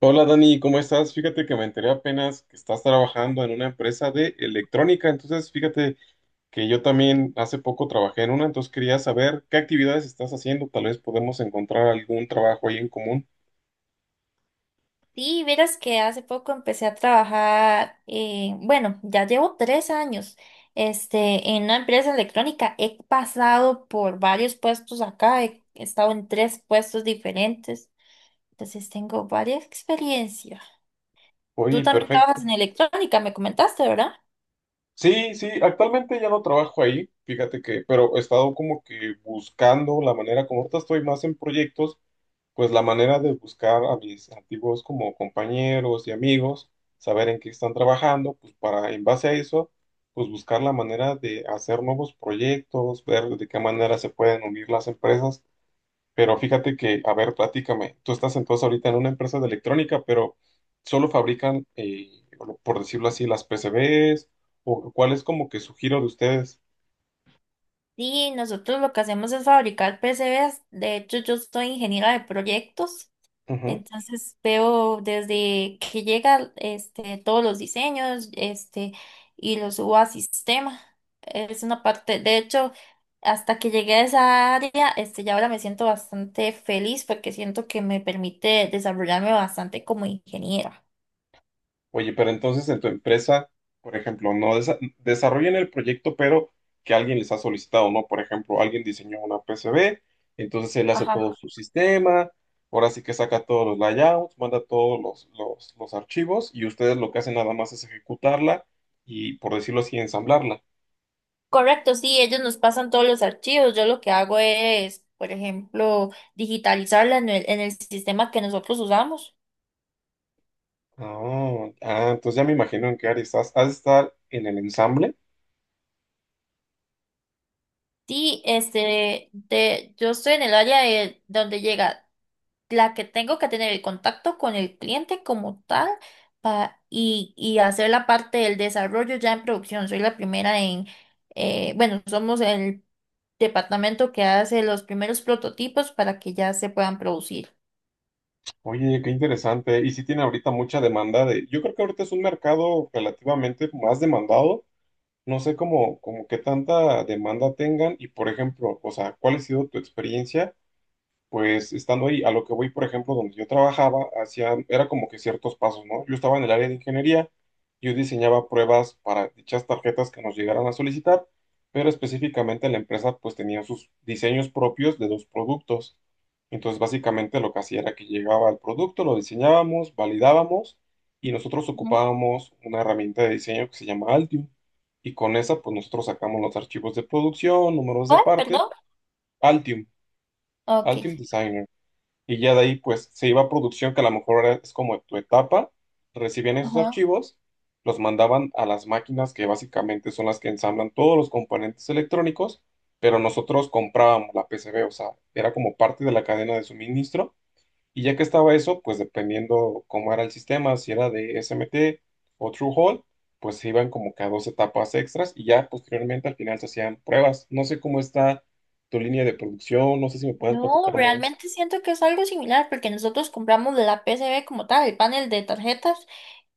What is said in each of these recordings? Hola Dani, ¿cómo estás? Fíjate que me enteré apenas que estás trabajando en una empresa de electrónica, entonces fíjate que yo también hace poco trabajé en una, entonces quería saber qué actividades estás haciendo, tal vez podemos encontrar algún trabajo ahí en común. Sí, verás que hace poco empecé a trabajar, bueno, ya llevo tres años, en una empresa electrónica. He pasado por varios puestos acá, he estado en tres puestos diferentes, entonces tengo varias experiencias. Tú Oye, también perfecto. trabajas en electrónica, me comentaste, ¿verdad? Sí, sí, actualmente ya no trabajo ahí, fíjate que, pero he estado como que buscando la manera como ahorita estoy más en proyectos. Pues la manera de buscar a mis antiguos como compañeros y amigos, saber en qué están trabajando, pues para en base a eso, pues buscar la manera de hacer nuevos proyectos, ver de qué manera se pueden unir las empresas. Pero fíjate que, a ver, platícame, tú estás entonces ahorita en una empresa de electrónica, pero solo fabrican, por decirlo así, las PCBs, o cuál es como que su giro de ustedes. Sí, nosotros lo que hacemos es fabricar PCBs. De hecho, yo soy ingeniera de proyectos. Ujú. Entonces veo desde que llega todos los diseños y los subo a sistema. Es una parte, de hecho, hasta que llegué a esa área, ya ahora me siento bastante feliz porque siento que me permite desarrollarme bastante como ingeniera. Oye, pero entonces en tu empresa, por ejemplo, no desarrollan el proyecto, pero que alguien les ha solicitado, ¿no? Por ejemplo, alguien diseñó una PCB, entonces él hace todo Ajá. su sistema, ahora sí que saca todos los layouts, manda todos los archivos y ustedes lo que hacen nada más es ejecutarla y, por decirlo así, ensamblarla. Correcto, sí, ellos nos pasan todos los archivos. Yo lo que hago es, por ejemplo, digitalizarla en el sistema que nosotros usamos. Ah, ah, entonces ya me imagino en qué área estás. ¿Has de estar en el ensamble? Sí, yo estoy en el área de donde llega la que tengo que tener el contacto con el cliente como tal y hacer la parte del desarrollo ya en producción. Soy la primera en, bueno, somos el departamento que hace los primeros prototipos para que ya se puedan producir. Oye, qué interesante. Y sí tiene ahorita mucha demanda de. Yo creo que ahorita es un mercado relativamente más demandado. No sé cómo, como qué tanta demanda tengan y, por ejemplo, o sea, ¿cuál ha sido tu experiencia? Pues estando ahí, a lo que voy, por ejemplo, donde yo trabajaba, hacía, era como que ciertos pasos, ¿no? Yo estaba en el área de ingeniería, yo diseñaba pruebas para dichas tarjetas que nos llegaran a solicitar, pero específicamente la empresa pues tenía sus diseños propios de los productos. Entonces, básicamente lo que hacía era que llegaba el producto, lo diseñábamos, validábamos y nosotros Ujú. ocupábamos una herramienta de diseño que se llama Altium. Y con esa, pues nosotros sacamos los archivos de producción, números de Oh, parte, perdón. Altium, Ok. Altium Designer y ya de ahí pues se iba a producción que a lo mejor es como tu etapa, recibían esos archivos, los mandaban a las máquinas que básicamente son las que ensamblan todos los componentes electrónicos, pero nosotros comprábamos la PCB, o sea, era como parte de la cadena de suministro y ya que estaba eso, pues dependiendo cómo era el sistema, si era de SMT o True Hall, pues se iban como que a dos etapas extras y ya posteriormente al final se hacían pruebas. No sé cómo está tu línea de producción, no sé si me puedes No, platicar más. realmente siento que es algo similar porque nosotros compramos la PCB como tal, el panel de tarjetas,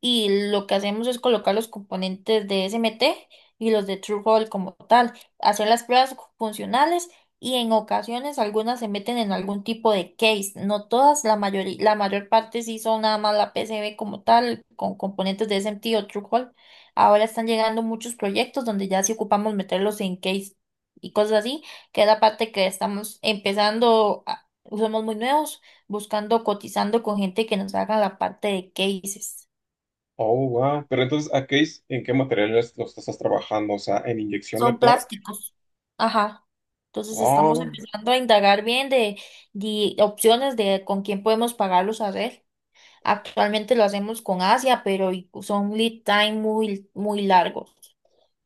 y lo que hacemos es colocar los componentes de SMT y los de TrueCall como tal, hacer las pruebas funcionales y en ocasiones algunas se meten en algún tipo de case, no todas, la mayoría, la mayor parte sí son nada más la PCB como tal, con componentes de SMT o TrueCall. Ahora están llegando muchos proyectos donde ya sí ocupamos meterlos en case y cosas así que es la parte que estamos empezando, somos muy nuevos, buscando, cotizando con gente que nos haga la parte de cases. Oh, wow. Pero entonces, ¿a qué en qué materiales los estás trabajando? O sea, ¿en inyección de Son plástico? plásticos. Ajá. Entonces estamos Oh, empezando a indagar bien de opciones de con quién podemos pagarlos a hacer. Actualmente lo hacemos con Asia, pero son lead time muy largos.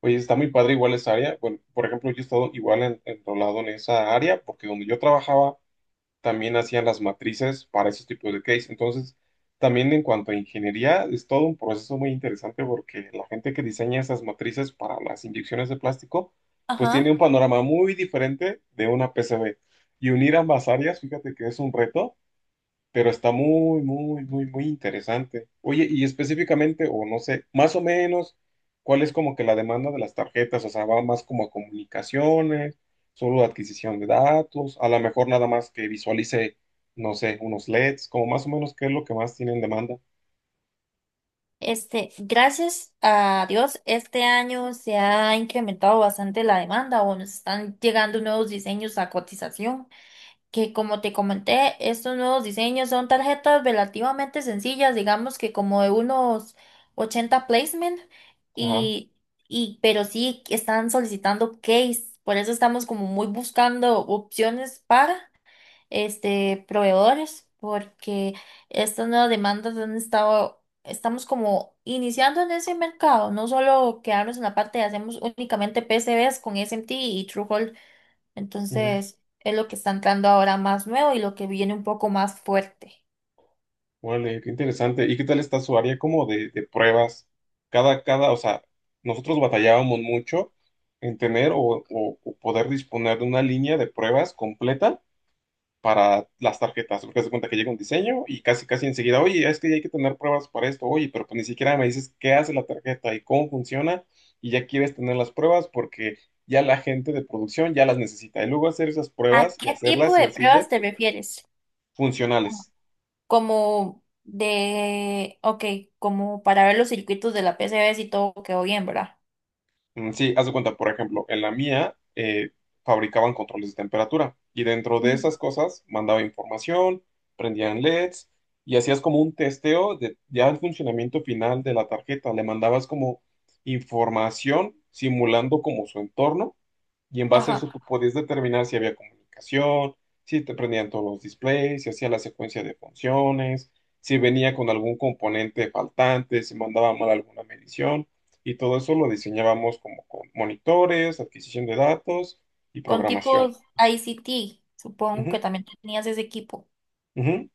oye, está muy padre igual esa área. Bueno, por ejemplo, yo he estado igual en, enrolado en esa área porque donde yo trabajaba también hacían las matrices para esos tipos de case. Entonces, también en cuanto a ingeniería, es todo un proceso muy interesante porque la gente que diseña esas matrices para las inyecciones de plástico, pues tiene Ajá. un panorama muy diferente de una PCB. Y unir ambas áreas, fíjate que es un reto pero está muy, muy, muy, muy interesante. Oye, y específicamente, o no sé, más o menos, ¿cuál es como que la demanda de las tarjetas? O sea, va más como a comunicaciones, solo adquisición de datos, a lo mejor nada más que visualice, no sé, unos LEDs, como más o menos qué es lo que más tienen demanda. Gracias a Dios, este año se ha incrementado bastante la demanda o nos están llegando nuevos diseños a cotización, que como te comenté, estos nuevos diseños son tarjetas relativamente sencillas, digamos que como de unos 80 placement, Ajá. y, pero sí que están solicitando case, por eso estamos como muy buscando opciones para proveedores, porque estas nuevas demandas han estado, estamos como iniciando en ese mercado, no solo quedarnos en la parte de hacemos únicamente PCBs con SMT y TrueHold, Ujú. entonces, es lo que está entrando ahora más nuevo y lo que viene un poco más fuerte. Vale, qué interesante. ¿Y qué tal está su área como de pruebas? Cada, o sea, nosotros batallábamos mucho en tener o poder disponer de una línea de pruebas completa para las tarjetas, porque se cuenta que llega un diseño y casi casi enseguida, oye, es que hay que tener pruebas para esto, oye, pero pues ni siquiera me dices qué hace la tarjeta y cómo funciona y ya quieres tener las pruebas porque ya la gente de producción ya las necesita. Y luego hacer esas ¿A pruebas y qué tipo hacerlas de sencillas, pruebas te refieres? funcionales. Como ok, como para ver los circuitos de la PCB si todo quedó bien, ¿verdad? Mm, sí, haz de cuenta, por ejemplo, en la mía fabricaban controles de temperatura y dentro de Mm. esas cosas mandaba información, prendían LEDs y hacías como un testeo de ya el funcionamiento final de la tarjeta. Le mandabas como información simulando como su entorno y en base a eso Ajá. tú podías determinar si había comunicación, si te prendían todos los displays, si hacía la secuencia de funciones, si venía con algún componente faltante, si mandaba mal alguna medición. Y todo eso lo diseñábamos como con monitores, adquisición de datos y Con programación. tipos ICT, supongo Ujú, que también tenías ese equipo. ujú.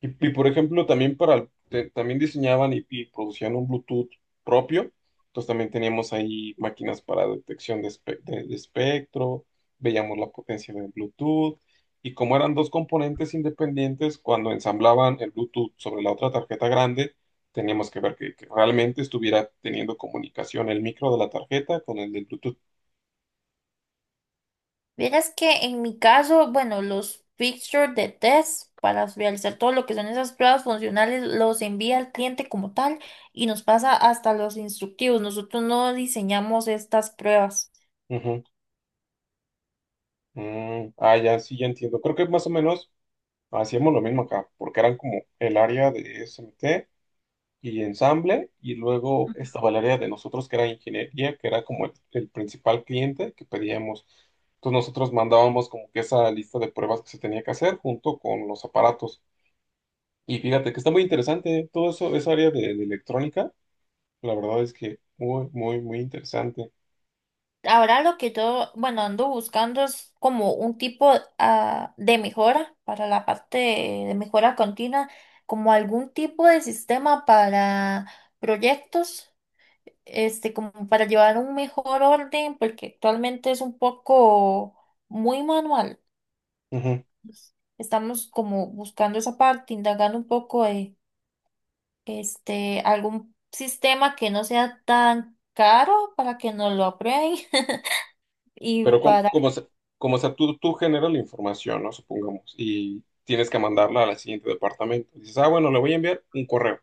Y, por ejemplo, también para también diseñaban y producían un Bluetooth propio. Entonces también teníamos ahí máquinas para detección de espectro, veíamos la potencia del Bluetooth. Y como eran dos componentes independientes, cuando ensamblaban el Bluetooth sobre la otra tarjeta grande, teníamos que ver que realmente estuviera teniendo comunicación el micro de la tarjeta con el del Bluetooth. Vieras que en mi caso, bueno, los fixtures de test para realizar todo lo que son esas pruebas funcionales los envía el cliente como tal y nos pasa hasta los instructivos. Nosotros no diseñamos estas pruebas. Ujú. Mm, ah, ya, sí, ya entiendo. Creo que más o menos hacíamos lo mismo acá, porque eran como el área de SMT y ensamble, y luego estaba el área de nosotros que era ingeniería, que era como el principal cliente que pedíamos. Entonces nosotros mandábamos como que esa lista de pruebas que se tenía que hacer junto con los aparatos. Y fíjate que está muy interesante, ¿eh? Todo eso, esa área de electrónica, la verdad es que muy, muy, muy interesante. Ahora lo que yo, bueno, ando buscando es como un tipo de mejora para la parte de mejora continua, como algún tipo de sistema para proyectos como para llevar un mejor orden, porque actualmente es un poco muy manual. Ujú. Pues, estamos como buscando esa parte, indagando un poco algún sistema que no sea tan caro para que nos lo aprueben y Pero para... como sea, tú generas la información, ¿no? Supongamos, y tienes que mandarla al siguiente departamento. Dices, ah, bueno, le voy a enviar un correo.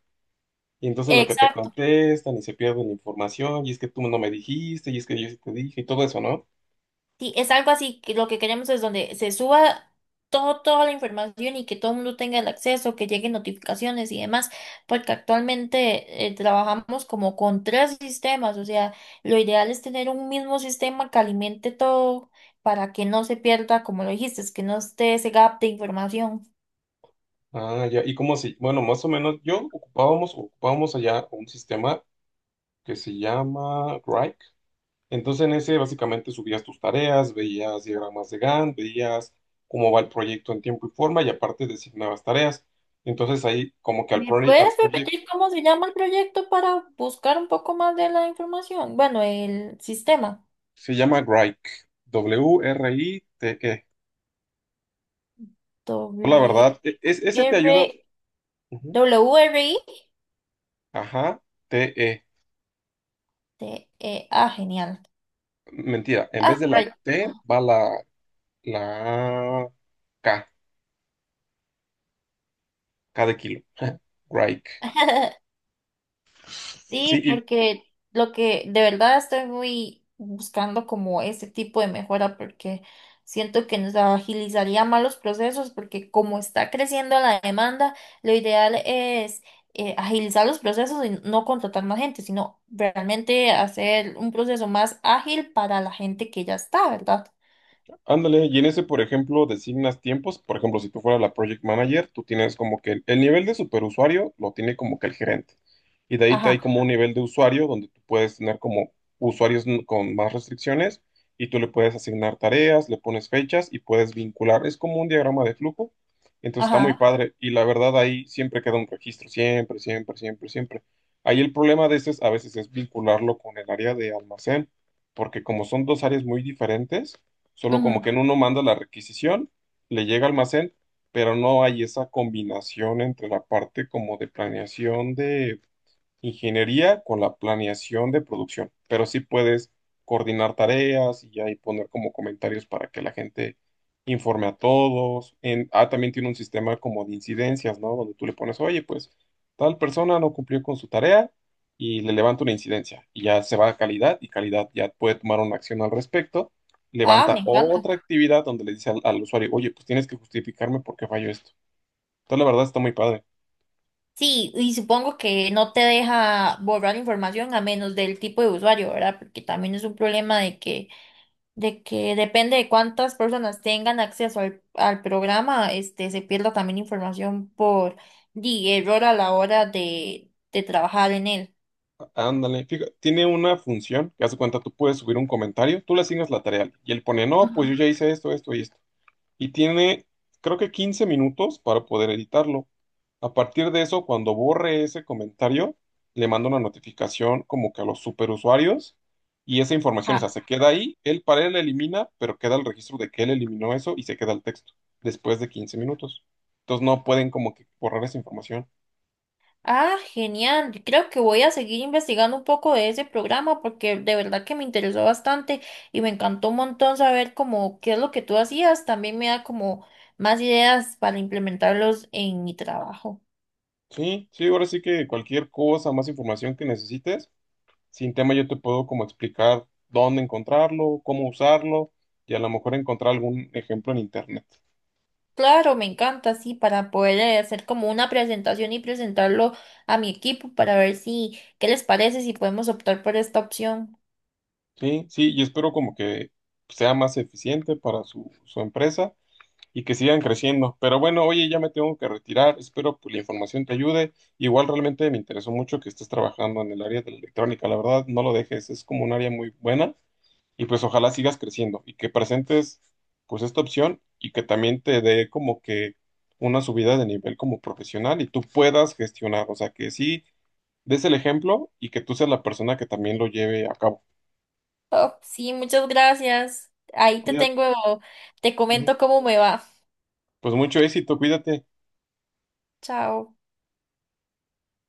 Y entonces lo que te Exacto. contestan y se pierden la información, y es que tú no me dijiste, y es que yo sí te dije, y todo eso, ¿no? Sí, es algo así que lo que queremos es donde se suba todo, toda la información y que todo el mundo tenga el acceso, que lleguen notificaciones y demás, porque actualmente trabajamos como con tres sistemas, o sea, lo ideal es tener un mismo sistema que alimente todo para que no se pierda, como lo dijiste, es que no esté ese gap de información. Ah, ya, y como si, bueno, más o menos yo ocupábamos allá un sistema que se llama Grok. Entonces en ese básicamente subías tus tareas, veías diagramas de Gantt, veías cómo va el proyecto en tiempo y forma, y aparte designabas tareas. Entonces ahí como que al, ¿Me proye- al puedes proyecto repetir cómo se llama el proyecto para buscar un poco más de la información? Bueno, el sistema. se llama Grok, WRITE. Yo, la W verdad, ese te ayuda. R Ujú. R I. Ajá, t e, genial. mentira, en vez Ah, de la pero- T va la K, K de kilo. Grike. Sí, Sí, porque lo que de verdad estoy muy buscando como ese tipo de mejora porque siento que nos agilizaría más los procesos porque como está creciendo la demanda, lo ideal es agilizar los procesos y no contratar más gente, sino realmente hacer un proceso más ágil para la gente que ya está, ¿verdad? ándale, y en ese, por ejemplo, designas tiempos. Por ejemplo, si tú fueras la project manager, tú tienes como que el nivel de superusuario lo tiene como que el gerente. Y de ahí te hay Ajá, como un nivel de usuario donde tú puedes tener como usuarios con más restricciones y tú le puedes asignar tareas, le pones fechas y puedes vincular. Es como un diagrama de flujo. Entonces está muy ajá. padre. Y la verdad, ahí siempre queda un registro, siempre, siempre, siempre, siempre. Ahí el problema de este es, a veces es vincularlo con el área de almacén, porque como son dos áreas muy diferentes. Solo como que Ujú. en uno manda la requisición, le llega al almacén, pero no hay esa combinación entre la parte como de planeación de ingeniería con la planeación de producción, pero sí puedes coordinar tareas y ahí poner como comentarios para que la gente informe a todos. Ah, también tiene un sistema como de incidencias, ¿no? Donde tú le pones, oye, pues tal persona no cumplió con su tarea y le levanta una incidencia y ya se va a calidad y calidad ya puede tomar una acción al respecto. Ah, Levanta me encanta. otra actividad donde le dice al usuario, oye, pues tienes que justificarme por qué falló esto. Entonces, la verdad está muy padre. Sí, y supongo que no te deja borrar información a menos del tipo de usuario, ¿verdad? Porque también es un problema de que depende de cuántas personas tengan acceso al programa, se pierda también información por di, error a la hora de trabajar en él. Ándale, fíjate, tiene una función que hace cuenta, tú puedes subir un comentario, tú le asignas la tarea y él pone, no, pues Ujú. yo ya hice esto, esto y esto. Y tiene, creo que 15 minutos para poder editarlo. A partir de eso, cuando borre ese comentario, le manda una notificación como que a los superusuarios y esa información, o sea, Ajá. se queda ahí, él para él la elimina, pero queda el registro de que él eliminó eso y se queda el texto después de 15 minutos. Entonces no pueden como que borrar esa información. Ah, genial. Creo que voy a seguir investigando un poco de ese programa porque de verdad que me interesó bastante y me encantó un montón saber cómo qué es lo que tú hacías. También me da como más ideas para implementarlos en mi trabajo. Sí, sí, ahora sí que cualquier cosa, más información que necesites, sin tema yo te puedo como explicar dónde encontrarlo, cómo usarlo y a lo mejor encontrar algún ejemplo en internet. Claro, me encanta, sí, para poder hacer como una presentación y presentarlo a mi equipo para ver si qué les parece, si podemos optar por esta opción. Sí, sí, y espero como que sea más eficiente para su empresa y que sigan creciendo. Pero bueno, oye, ya me tengo que retirar, espero que la información te ayude. Igual realmente me interesó mucho que estés trabajando en el área de la electrónica, la verdad, no lo dejes, es como un área muy buena. Y pues ojalá sigas creciendo y que presentes pues esta opción y que también te dé como que una subida de nivel como profesional y tú puedas gestionar, o sea, que sí des el ejemplo y que tú seas la persona que también lo lleve a cabo. Oh, sí, muchas gracias. Ahí te Cuídate, tengo, te ujú. comento cómo me va. Pues mucho éxito, cuídate. Chao.